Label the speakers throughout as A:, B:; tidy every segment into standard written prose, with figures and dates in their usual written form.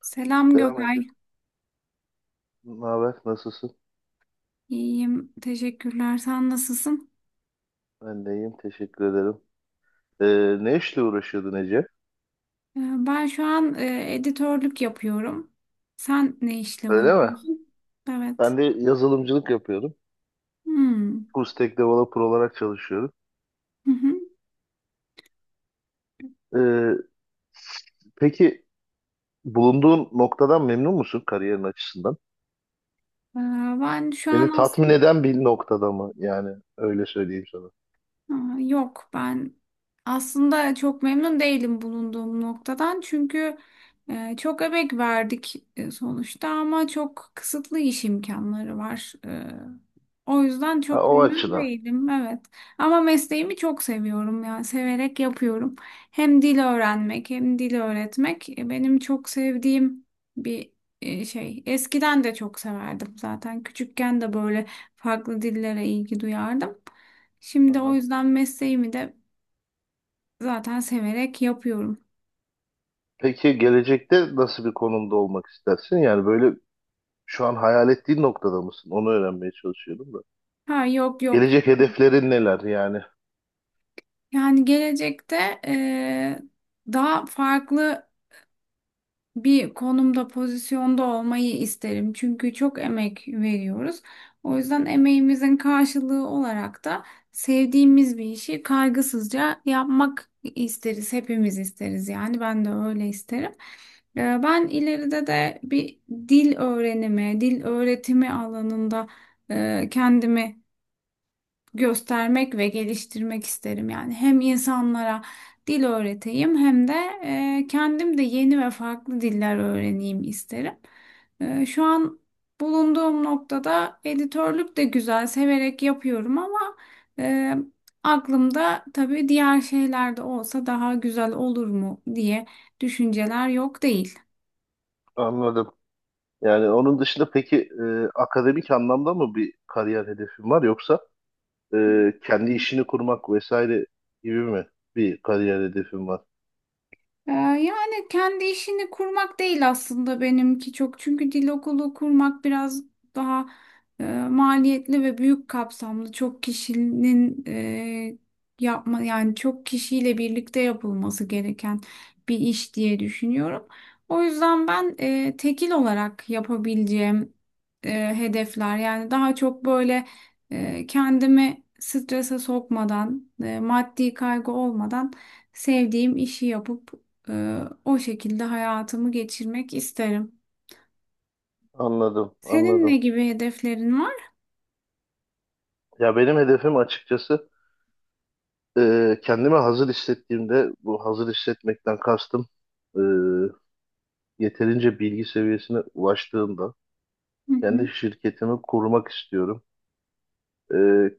A: Selam
B: Selam Ece.
A: Gökay.
B: Ne haber? Nasılsın?
A: İyiyim. Teşekkürler. Sen nasılsın?
B: Ben de iyiyim. Teşekkür ederim. Ne işle uğraşıyordun, Ece?
A: Ee, Ben şu an editörlük yapıyorum. Sen ne işle
B: Öyle mi?
A: uğraşıyorsun? Evet.
B: Ben de yazılımcılık yapıyorum.
A: Hmm.
B: Full stack developer olarak çalışıyorum.
A: Hı hı.
B: Ee, peki, bulunduğun noktadan memnun musun kariyerin açısından?
A: Ee, Ben şu an
B: Seni tatmin
A: aslında
B: eden bir noktada mı? Yani öyle söyleyeyim sana.
A: yok. Ben aslında çok memnun değilim bulunduğum noktadan. Çünkü çok emek verdik sonuçta ama çok kısıtlı iş imkanları var. O yüzden
B: Ha,
A: çok
B: o
A: memnun
B: açıdan.
A: değilim, evet. Ama mesleğimi çok seviyorum, yani severek yapıyorum. Hem dil öğrenmek hem dil öğretmek benim çok sevdiğim bir şey. Eskiden de çok severdim zaten. Küçükken de böyle farklı dillere ilgi duyardım. Şimdi o
B: Aha.
A: yüzden mesleğimi de zaten severek yapıyorum.
B: Peki gelecekte nasıl bir konumda olmak istersin? Yani böyle şu an hayal ettiğin noktada mısın? Onu öğrenmeye çalışıyorum da.
A: Ha, yok yok.
B: Gelecek hedeflerin neler yani?
A: Yani gelecekte e, daha farklı bir konumda, pozisyonda olmayı isterim. Çünkü çok emek veriyoruz. O yüzden emeğimizin karşılığı olarak da sevdiğimiz bir işi kaygısızca yapmak isteriz. Hepimiz isteriz, yani. Ben de öyle isterim. Ben ileride de bir dil öğrenimi, dil öğretimi alanında kendimi göstermek ve geliştirmek isterim. Yani hem insanlara dil öğreteyim hem de kendim de yeni ve farklı diller öğreneyim isterim. Şu an bulunduğum noktada editörlük de güzel, severek yapıyorum ama e, aklımda tabii diğer şeyler de olsa daha güzel olur mu diye düşünceler yok değil.
B: Anladım. Yani onun dışında peki akademik anlamda mı bir kariyer hedefin var yoksa e, kendi işini kurmak vesaire gibi mi bir kariyer hedefin var?
A: Yani kendi işini kurmak değil aslında benimki çok. Çünkü dil okulu kurmak biraz daha e, maliyetli ve büyük kapsamlı. Çok kişinin yapma, yani çok kişiyle birlikte yapılması gereken bir iş diye düşünüyorum. O yüzden ben tekil olarak yapabileceğim hedefler, yani daha çok böyle kendimi strese sokmadan, maddi kaygı olmadan sevdiğim işi yapıp o şekilde hayatımı geçirmek isterim.
B: Anladım,
A: Senin ne
B: anladım.
A: gibi hedeflerin var?
B: Ya benim hedefim açıkçası kendimi hazır hissettiğimde, bu hazır hissetmekten kastım e, yeterince bilgi seviyesine ulaştığımda
A: Hı
B: kendi
A: hı,
B: şirketimi kurmak istiyorum.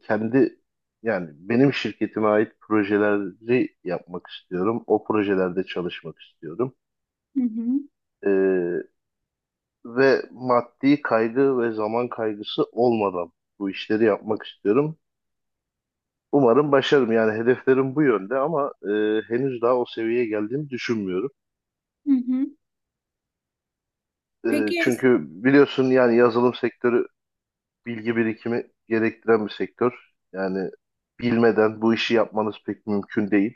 B: Kendi, yani benim şirketime ait projeleri yapmak istiyorum. O projelerde çalışmak istiyorum.
A: hı hı,
B: E, Ve maddi kaygı ve zaman kaygısı olmadan bu işleri yapmak istiyorum. Umarım başarırım. Yani hedeflerim bu yönde ama henüz daha o seviyeye geldiğimi düşünmüyorum.
A: hı hı.
B: E,
A: Peki,
B: Çünkü biliyorsun yani yazılım sektörü bilgi birikimi gerektiren bir sektör. Yani bilmeden bu işi yapmanız pek mümkün değil.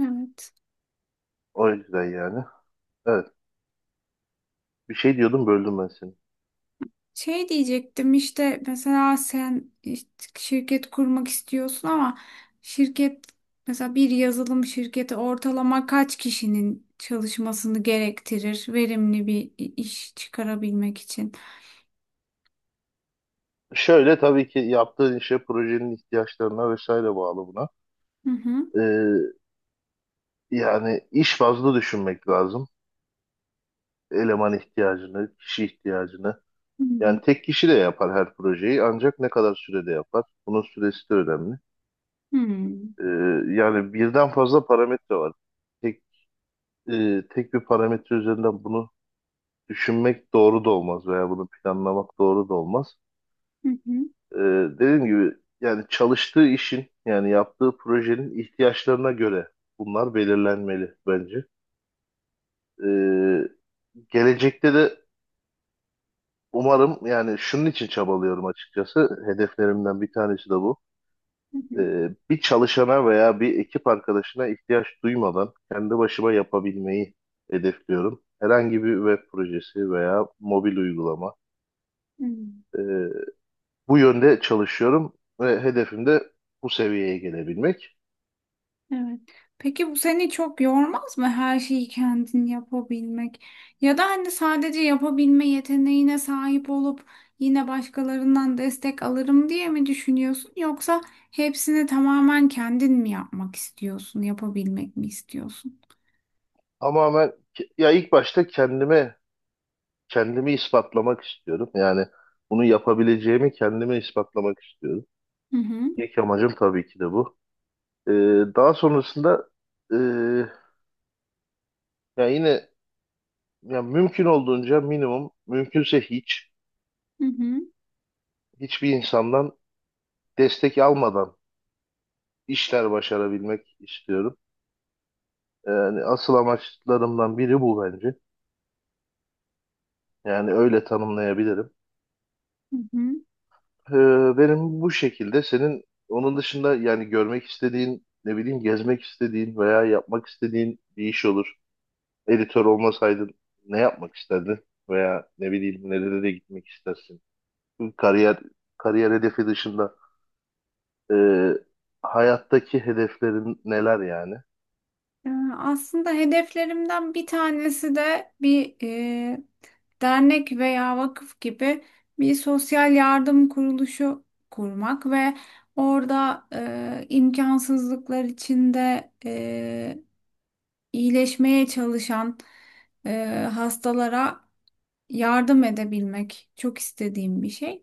A: evet.
B: O yüzden yani. Evet. Bir şey diyordum, böldüm ben seni.
A: Şey diyecektim, işte mesela sen işte şirket kurmak istiyorsun ama şirket, mesela bir yazılım şirketi, ortalama kaç kişinin çalışmasını gerektirir verimli bir iş çıkarabilmek için?
B: Şöyle, tabii ki yaptığın işe, projenin ihtiyaçlarına vesaire bağlı buna.
A: Hı hı,
B: Ee, Yani iş fazla düşünmek lazım. Eleman ihtiyacını, kişi ihtiyacını.
A: hı
B: Yani tek kişi de yapar her projeyi, ancak ne kadar sürede yapar? Bunun süresi de önemli.
A: hı,
B: Ee, Yani birden fazla parametre var. Tek, tek bir parametre üzerinden bunu düşünmek doğru da olmaz veya bunu planlamak doğru da olmaz.
A: hı hı,
B: Ee, Dediğim gibi yani çalıştığı işin, yani yaptığı projenin ihtiyaçlarına göre bunlar belirlenmeli bence. Ee, Gelecekte de umarım, yani şunun için çabalıyorum açıkçası. Hedeflerimden bir tanesi de bu.
A: hı hı,
B: Bir çalışana veya bir ekip arkadaşına ihtiyaç duymadan kendi başıma yapabilmeyi hedefliyorum. Herhangi bir web projesi veya mobil uygulama.
A: hı hı.
B: Ee, Bu yönde çalışıyorum ve hedefim de bu seviyeye gelebilmek.
A: Evet. Peki bu seni çok yormaz mı her şeyi kendin yapabilmek? Ya da hani sadece yapabilme yeteneğine sahip olup yine başkalarından destek alırım diye mi düşünüyorsun? Yoksa hepsini tamamen kendin mi yapmak istiyorsun, yapabilmek mi istiyorsun?
B: Ama ben ya ilk başta kendime, kendimi ispatlamak istiyorum. Yani bunu yapabileceğimi kendime ispatlamak istiyorum.
A: Hı hı,
B: İlk amacım tabii ki de bu. Ee, Daha sonrasında ee, ya yine, ya mümkün olduğunca minimum, mümkünse hiç
A: hı hı,
B: hiçbir insandan destek almadan işler başarabilmek istiyorum. Yani asıl amaçlarımdan biri bu bence. Yani öyle tanımlayabilirim.
A: hı hı.
B: Benim bu şekilde, senin onun dışında yani görmek istediğin, ne bileyim, gezmek istediğin veya yapmak istediğin bir iş olur. Editör olmasaydın ne yapmak isterdin veya ne bileyim nerelere gitmek istersin? Bu Kariyer kariyer hedefi dışında e, hayattaki hedeflerin neler yani?
A: Ee, Aslında hedeflerimden bir tanesi de bir dernek veya vakıf gibi bir sosyal yardım kuruluşu kurmak ve orada imkansızlıklar içinde iyileşmeye çalışan e, hastalara yardım edebilmek çok istediğim bir şey.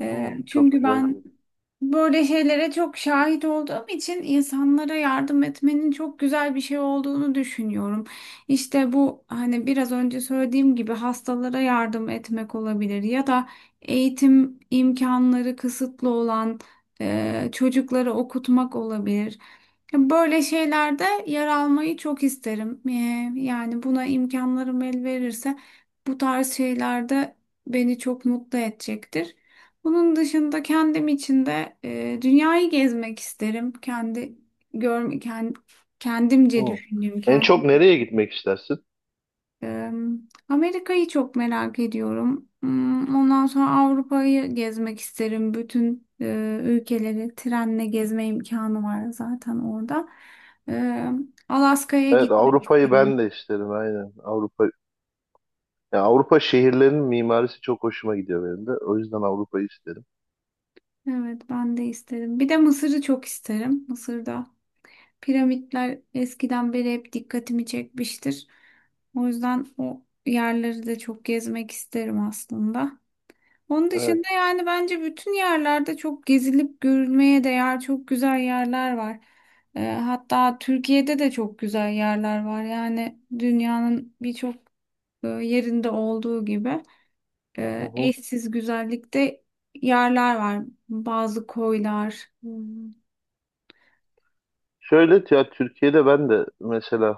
B: Hmm, çok
A: Çünkü
B: güzel bir
A: ben
B: hedef.
A: böyle şeylere çok şahit olduğum için insanlara yardım etmenin çok güzel bir şey olduğunu düşünüyorum. İşte bu, hani biraz önce söylediğim gibi, hastalara yardım etmek olabilir ya da eğitim imkanları kısıtlı olan çocukları okutmak olabilir. Böyle şeylerde yer almayı çok isterim. Yani buna imkanlarım el verirse bu tarz şeylerde beni çok mutlu edecektir. Bunun dışında kendim için de dünyayı gezmek isterim. Kendi görme, kendimce
B: Hmm.
A: düşündüğüm,
B: En çok
A: kendim.
B: nereye gitmek istersin?
A: Eee, Amerika'yı çok merak ediyorum. Ondan sonra Avrupa'yı gezmek isterim. Bütün ülkeleri trenle gezme imkanı var zaten orada. Eee, Alaska'ya
B: Evet,
A: gitmek
B: Avrupa'yı ben
A: isterim.
B: de isterim aynen. Ya Avrupa şehirlerinin mimarisi çok hoşuma gidiyor benim de. O yüzden Avrupa'yı isterim.
A: Evet, ben de isterim. Bir de Mısır'ı çok isterim. Mısır'da piramitler eskiden beri hep dikkatimi çekmiştir. O yüzden o yerleri de çok gezmek isterim aslında. Onun
B: Evet.
A: dışında, yani bence bütün yerlerde çok gezilip görülmeye değer çok güzel yerler var. Hatta Türkiye'de de çok güzel yerler var. Yani dünyanın birçok yerinde olduğu gibi
B: Hı hı.
A: eşsiz güzellikte yerler var. Bazı koylar. Hmm.
B: Şöyle, ya Türkiye'de ben de mesela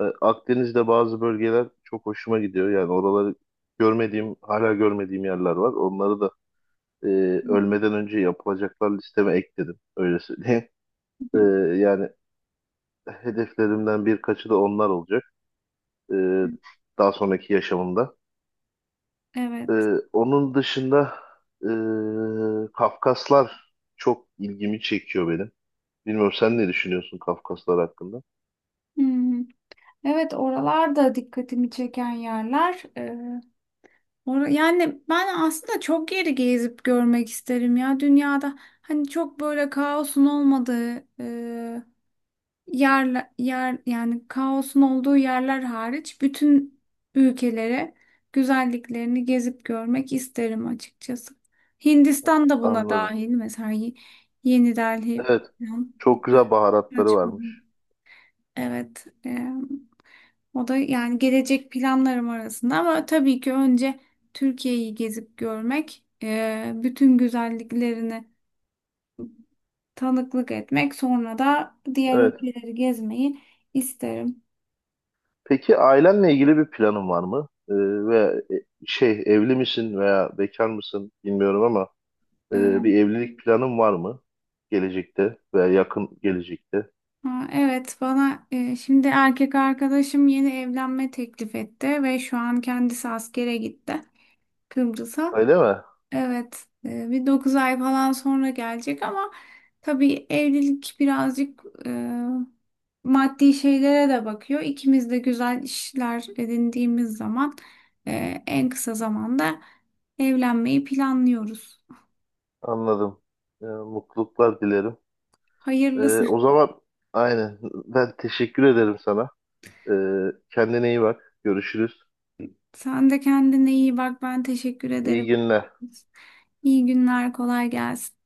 B: Akdeniz'de bazı bölgeler çok hoşuma gidiyor. Yani oraları hala görmediğim yerler var. Onları da e, ölmeden önce yapılacaklar listeme ekledim. Öyle söyleyeyim. E, Yani hedeflerimden birkaçı da onlar olacak. E, Daha sonraki yaşamımda.
A: Evet.
B: Onun dışında Kafkaslar çok ilgimi çekiyor benim. Bilmiyorum, sen ne düşünüyorsun Kafkaslar hakkında?
A: Hmm. Evet, oralar da dikkatimi çeken yerler. Yani ben aslında çok yeri gezip görmek isterim ya, dünyada hani çok böyle kaosun olmadığı, yer, yani kaosun olduğu yerler hariç bütün ülkelere, güzelliklerini gezip görmek isterim açıkçası. Hindistan da buna
B: Anladım.
A: dahil mesela, Yeni Delhi
B: Evet.
A: falan.
B: Çok güzel baharatları varmış.
A: Evet. O da yani gelecek planlarım arasında ama tabii ki önce Türkiye'yi gezip görmek, bütün güzelliklerini tanıklık etmek, sonra da diğer
B: Evet.
A: ülkeleri gezmeyi isterim.
B: Peki ailenle ilgili bir planın var mı? Ve şey, evli misin veya bekar mısın bilmiyorum ama
A: E,
B: bir evlilik planın var mı gelecekte veya yakın gelecekte?
A: ha, evet, bana şimdi erkek arkadaşım yeni evlenme teklif etti ve şu an kendisi askere gitti Kıbrıs'a.
B: Öyle mi?
A: Evet, bir 9 ay falan sonra gelecek ama tabii evlilik birazcık maddi şeylere de bakıyor. İkimiz de güzel işler edindiğimiz zaman en kısa zamanda evlenmeyi planlıyoruz.
B: Anladım. Mutluluklar dilerim. Ee,
A: Hayırlısı.
B: O zaman aynen. Ben teşekkür ederim sana. Kendine iyi bak. Görüşürüz.
A: Sen de kendine iyi bak. Ben teşekkür
B: İyi
A: ederim.
B: günler.
A: İyi günler, kolay gelsin.